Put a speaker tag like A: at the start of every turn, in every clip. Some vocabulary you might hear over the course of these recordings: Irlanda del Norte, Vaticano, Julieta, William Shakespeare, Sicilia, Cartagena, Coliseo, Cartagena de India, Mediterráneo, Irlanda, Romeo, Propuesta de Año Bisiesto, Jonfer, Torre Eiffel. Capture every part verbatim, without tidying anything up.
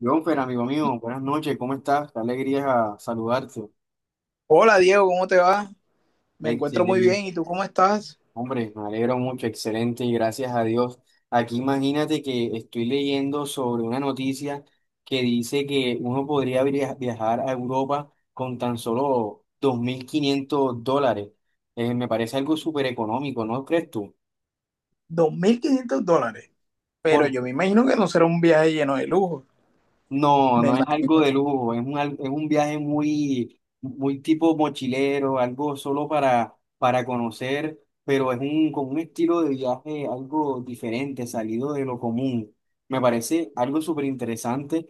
A: Jonfer, amigo mío, buenas noches, ¿cómo estás? Qué alegría saludarte.
B: Hola Diego, ¿cómo te va? Me encuentro muy bien.
A: Excelente.
B: ¿Y tú cómo estás?
A: Hombre, me alegro mucho, excelente y gracias a Dios. Aquí imagínate que estoy leyendo sobre una noticia que dice que uno podría via- viajar a Europa con tan solo dos mil quinientos dólares. Eh, me parece algo súper económico, ¿no crees tú?
B: Dos mil quinientos dólares. Pero
A: Por
B: yo me imagino que no será un viaje lleno de lujo.
A: No,
B: Me
A: no es algo
B: imagino.
A: de lujo, es un, al- es un viaje muy, muy tipo mochilero, algo solo para, para conocer, pero es un, con un estilo de viaje algo diferente, salido de lo común. Me parece algo súper interesante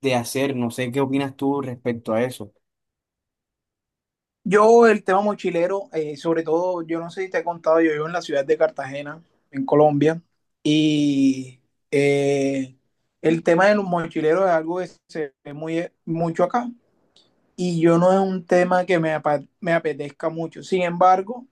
A: de hacer, no sé qué opinas tú respecto a eso.
B: Yo, el tema mochilero, eh, sobre todo, yo no sé si te he contado, yo vivo en la ciudad de Cartagena, en Colombia. Y eh, el tema de los mochileros es algo que se ve muy, mucho acá. Y yo no es un tema que me, apa- me apetezca mucho. Sin embargo,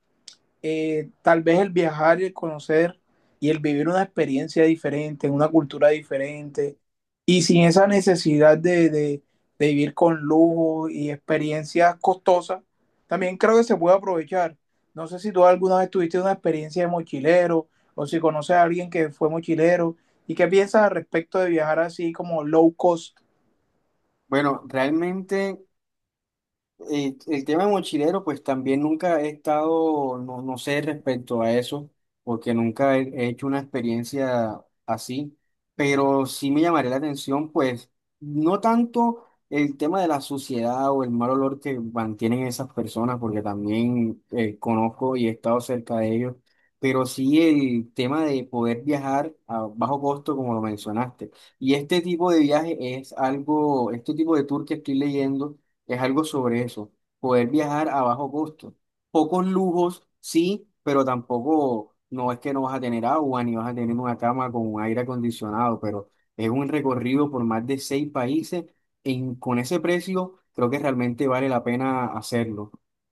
B: eh, tal vez el viajar y el conocer y el vivir una experiencia diferente, en una cultura diferente, y sin esa necesidad de, de- de vivir con lujo y experiencias costosas, también creo que se puede aprovechar. No sé si tú alguna vez tuviste una experiencia de mochilero o si conoces a alguien que fue mochilero y qué piensas al respecto de viajar así como low cost.
A: Bueno, realmente. El, el tema de mochilero, pues también nunca he estado, no, no sé respecto a eso, porque nunca he, he hecho una experiencia así, pero sí me llamaría la atención, pues no tanto el tema de la suciedad o el mal olor que mantienen esas personas, porque también eh, conozco y he estado cerca de ellos, pero sí el tema de poder viajar a bajo costo, como lo mencionaste. Y este tipo de viaje es algo, este tipo de tour que estoy leyendo es algo sobre eso. Poder viajar a bajo costo. Pocos lujos, sí, pero tampoco no es que no vas a tener agua ni vas a tener una cama con un aire acondicionado, pero es un recorrido por más de seis países. En, con ese precio, creo que realmente vale la pena hacerlo.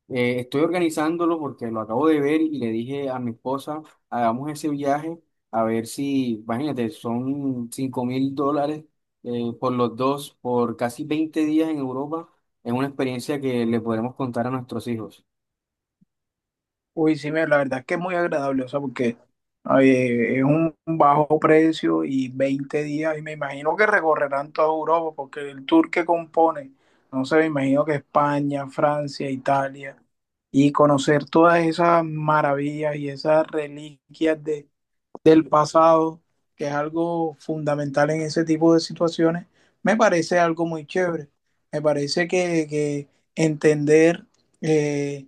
A: Eh, estoy organizándolo porque lo acabo de ver y le dije a mi esposa, hagamos ese viaje a ver si, imagínate, son cinco mil dólares, eh, por los dos, por casi veinte días en Europa. Es una experiencia que le podremos contar a nuestros hijos.
B: Uy, sí, mira, la verdad es que es muy agradable, o sea, porque eh, es un bajo precio y veinte días, y me imagino que recorrerán toda Europa, porque el tour que compone, no sé, me imagino que España, Francia, Italia, y conocer todas esas maravillas y esas reliquias de, del pasado, que es algo fundamental en ese tipo de situaciones, me parece algo muy chévere. Me parece que, que entender eh,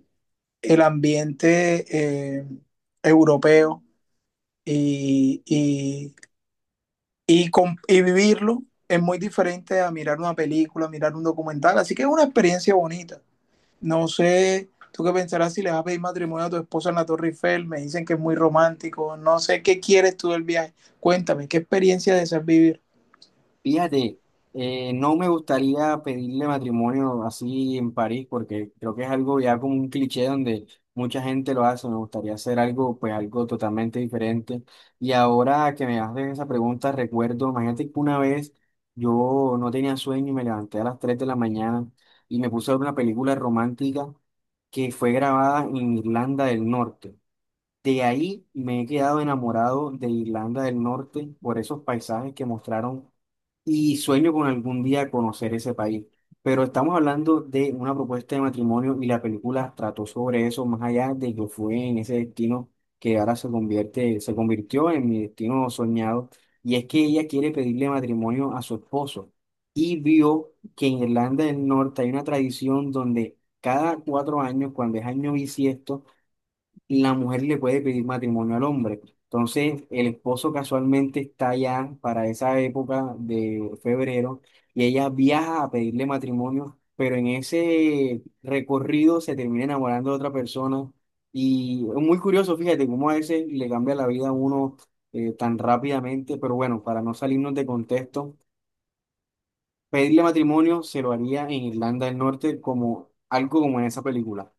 B: el ambiente eh, europeo y, y, y, con, y vivirlo es muy diferente a mirar una película, mirar un documental. Así que es una experiencia bonita. No sé, tú qué pensarás si les vas a pedir matrimonio a tu esposa en la Torre Eiffel. Me dicen que es muy romántico. No sé qué quieres tú del viaje. Cuéntame, ¿qué experiencia deseas vivir?
A: Fíjate, eh, no me gustaría pedirle matrimonio así en París porque creo que es algo ya como un cliché donde mucha gente lo hace. Me gustaría hacer algo, pues algo totalmente diferente. Y ahora que me haces esa pregunta, recuerdo, imagínate que una vez yo no tenía sueño y me levanté a las tres de la mañana y me puse a ver una película romántica que fue grabada en Irlanda del Norte. De ahí me he quedado enamorado de Irlanda del Norte por esos paisajes que mostraron y sueño con algún día conocer ese país. Pero estamos hablando de una propuesta de matrimonio y la película trató sobre eso más allá de que fue en ese destino que ahora se convierte, se convirtió en mi destino soñado. Y es que ella quiere pedirle matrimonio a su esposo y vio que en Irlanda del Norte hay una tradición donde cada cuatro años, cuando es año bisiesto, la mujer le puede pedir matrimonio al hombre. Entonces, el esposo casualmente está allá para esa época de febrero y ella viaja a pedirle matrimonio, pero en ese recorrido se termina enamorando de otra persona. Y es muy curioso, fíjate, cómo a veces le cambia la vida a uno, eh, tan rápidamente, pero bueno, para no salirnos de contexto, pedirle matrimonio se lo haría en Irlanda del Norte como algo como en esa película.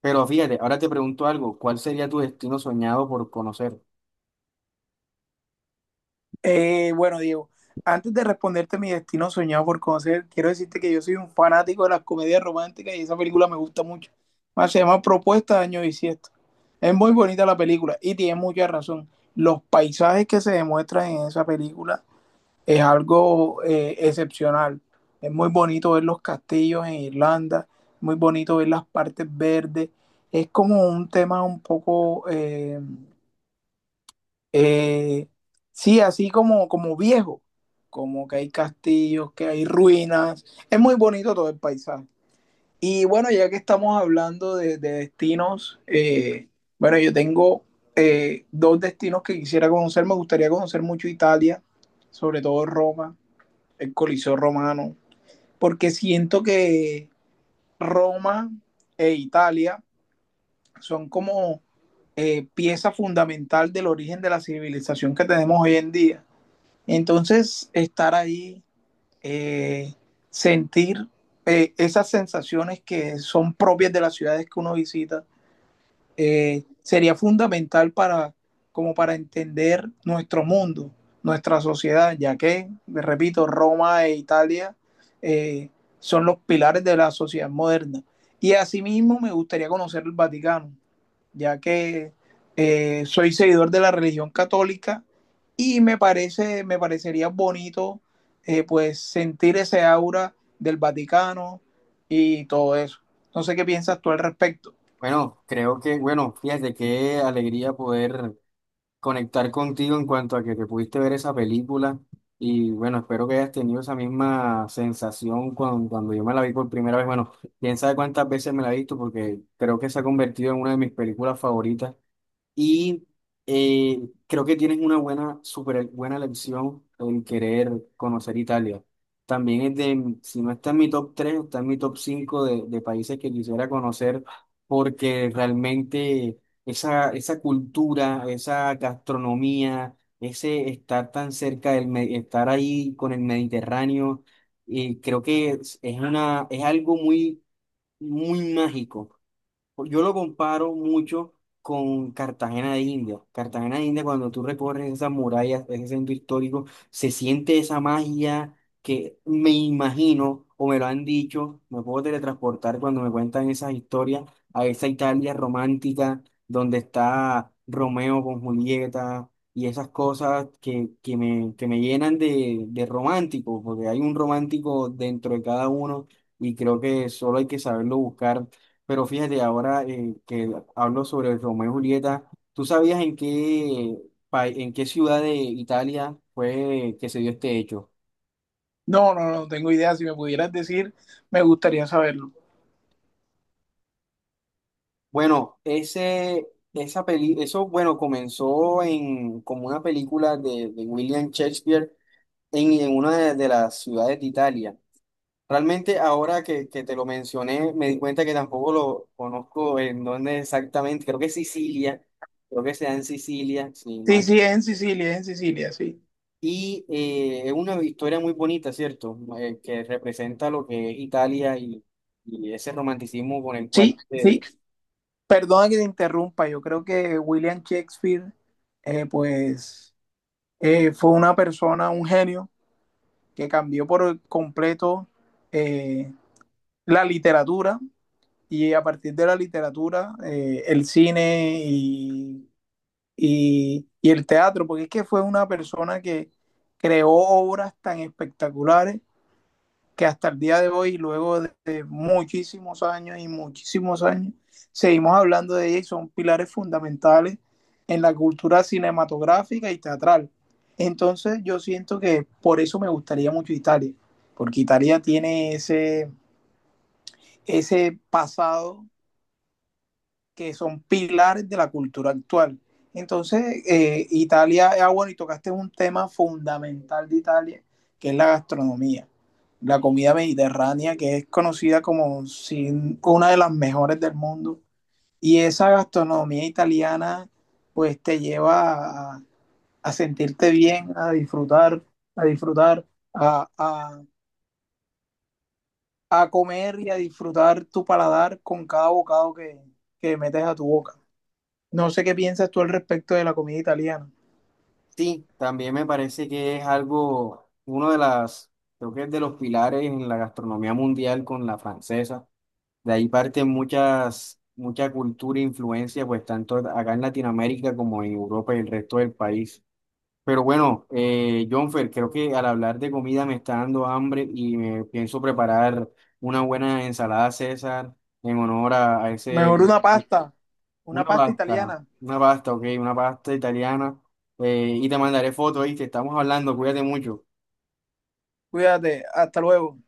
A: Pero fíjate, ahora te pregunto algo, ¿cuál sería tu destino soñado por conocer?
B: Eh, bueno, Diego, antes de responderte mi destino soñado por conocer, quiero decirte que yo soy un fanático de las comedias románticas y esa película me gusta mucho. Más, se llama Propuesta de Año Bisiesto. Es muy bonita la película y tiene mucha razón. Los paisajes que se demuestran en esa película es algo eh, excepcional. Es muy bonito ver los castillos en Irlanda, muy bonito ver las partes verdes. Es como un tema un poco eh, eh, sí, así como, como viejo, como que hay castillos, que hay ruinas. Es muy bonito todo el paisaje. Y bueno, ya que estamos hablando de, de destinos, eh, bueno, yo tengo eh, dos destinos que quisiera conocer. Me gustaría conocer mucho Italia, sobre todo Roma, el Coliseo romano, porque siento que Roma e Italia son como eh, pieza fundamental del origen de la civilización que tenemos hoy en día. Entonces, estar ahí, eh, sentir eh, esas sensaciones que son propias de las ciudades que uno visita, eh, sería fundamental para, como para entender nuestro mundo, nuestra sociedad, ya que, repito, Roma e Italia eh, son los pilares de la sociedad moderna. Y asimismo me gustaría conocer el Vaticano, ya que eh, soy seguidor de la religión católica y me, parece, me parecería bonito, eh, pues, sentir ese aura del Vaticano y todo eso. No sé qué piensas tú al respecto.
A: Bueno, creo que, bueno, fíjate qué alegría poder conectar contigo en cuanto a que te pudiste ver esa película y bueno, espero que hayas tenido esa misma sensación cuando, cuando yo me la vi por primera vez. Bueno, quién sabe cuántas veces me la he visto porque creo que se ha convertido en una de mis películas favoritas. Y eh, creo que tienes una buena, súper buena elección en querer conocer Italia. También es de, si no está en mi top tres está en mi top cinco de, de países que quisiera conocer, porque realmente esa, esa cultura, esa gastronomía, ese estar tan cerca del, me- estar ahí con el Mediterráneo, y creo que es, es una, es algo muy, muy mágico. Yo lo comparo mucho con Cartagena de India. Cartagena de India, cuando tú recorres esas murallas, ese centro histórico, se siente esa magia que me imagino, o me lo han dicho, me puedo teletransportar cuando me cuentan esas historias a esa Italia romántica donde está Romeo con Julieta y esas cosas que, que me, que me llenan de, de romántico, porque hay un romántico dentro de cada uno y creo que solo hay que saberlo buscar. Pero fíjate, ahora eh, que hablo sobre el Romeo y Julieta, ¿tú sabías en qué, pa- en qué ciudad de Italia fue que se dio este hecho?
B: No, no, no tengo idea. Si me pudieras decir, me gustaría saberlo.
A: Bueno, ese, esa peli, eso, bueno, comenzó en, como una película de, de William Shakespeare en, en una de, de las ciudades de Italia. Realmente ahora que, que te lo mencioné, me di cuenta que tampoco lo conozco en dónde exactamente, creo que es Sicilia, creo que sea en Sicilia, sí,
B: Sí,
A: mal.
B: sí, es en Sicilia, es en Sicilia, sí.
A: Y eh, es una historia muy bonita, ¿cierto? Eh, que representa lo que es Italia y, y, ese romanticismo con el cual.
B: Sí, sí.
A: Eh,
B: Perdona que te interrumpa. Yo creo que William Shakespeare, eh, pues, eh, fue una persona, un genio, que cambió por completo eh, la literatura, y a partir de la literatura, eh, el cine y, y, y el teatro, porque es que fue una persona que creó obras tan espectaculares que hasta el día de hoy, luego de, de muchísimos años y muchísimos años, seguimos hablando de ella y son pilares fundamentales en la cultura cinematográfica y teatral. Entonces, yo siento que por eso me gustaría mucho Italia, porque Italia tiene ese, ese pasado que son pilares de la cultura actual. Entonces, eh, Italia, ah, bueno, y tocaste un tema fundamental de Italia, que es la gastronomía, la comida mediterránea, que es conocida como sin- una de las mejores del mundo. Y esa gastronomía italiana pues te lleva a, a sentirte bien, a disfrutar, a disfrutar, a, a- a comer y a disfrutar tu paladar con cada bocado que, que metes a tu boca. No sé qué piensas tú al respecto de la comida italiana.
A: sí, también me parece que es algo, uno de las, creo que es de los pilares en la gastronomía mundial con la francesa. De ahí parten muchas, mucha cultura e influencia, pues tanto acá en Latinoamérica como en Europa y el resto del país. Pero bueno, eh, Jonfer, creo que al hablar de comida me está dando hambre y me pienso preparar una buena ensalada César en honor a, a ese,
B: Mejor una pasta, una
A: una
B: pasta
A: pasta,
B: italiana.
A: una pasta, ok, una pasta italiana. Eh, y te mandaré fotos, y te estamos hablando, cuídate mucho.
B: Cuídate, hasta luego.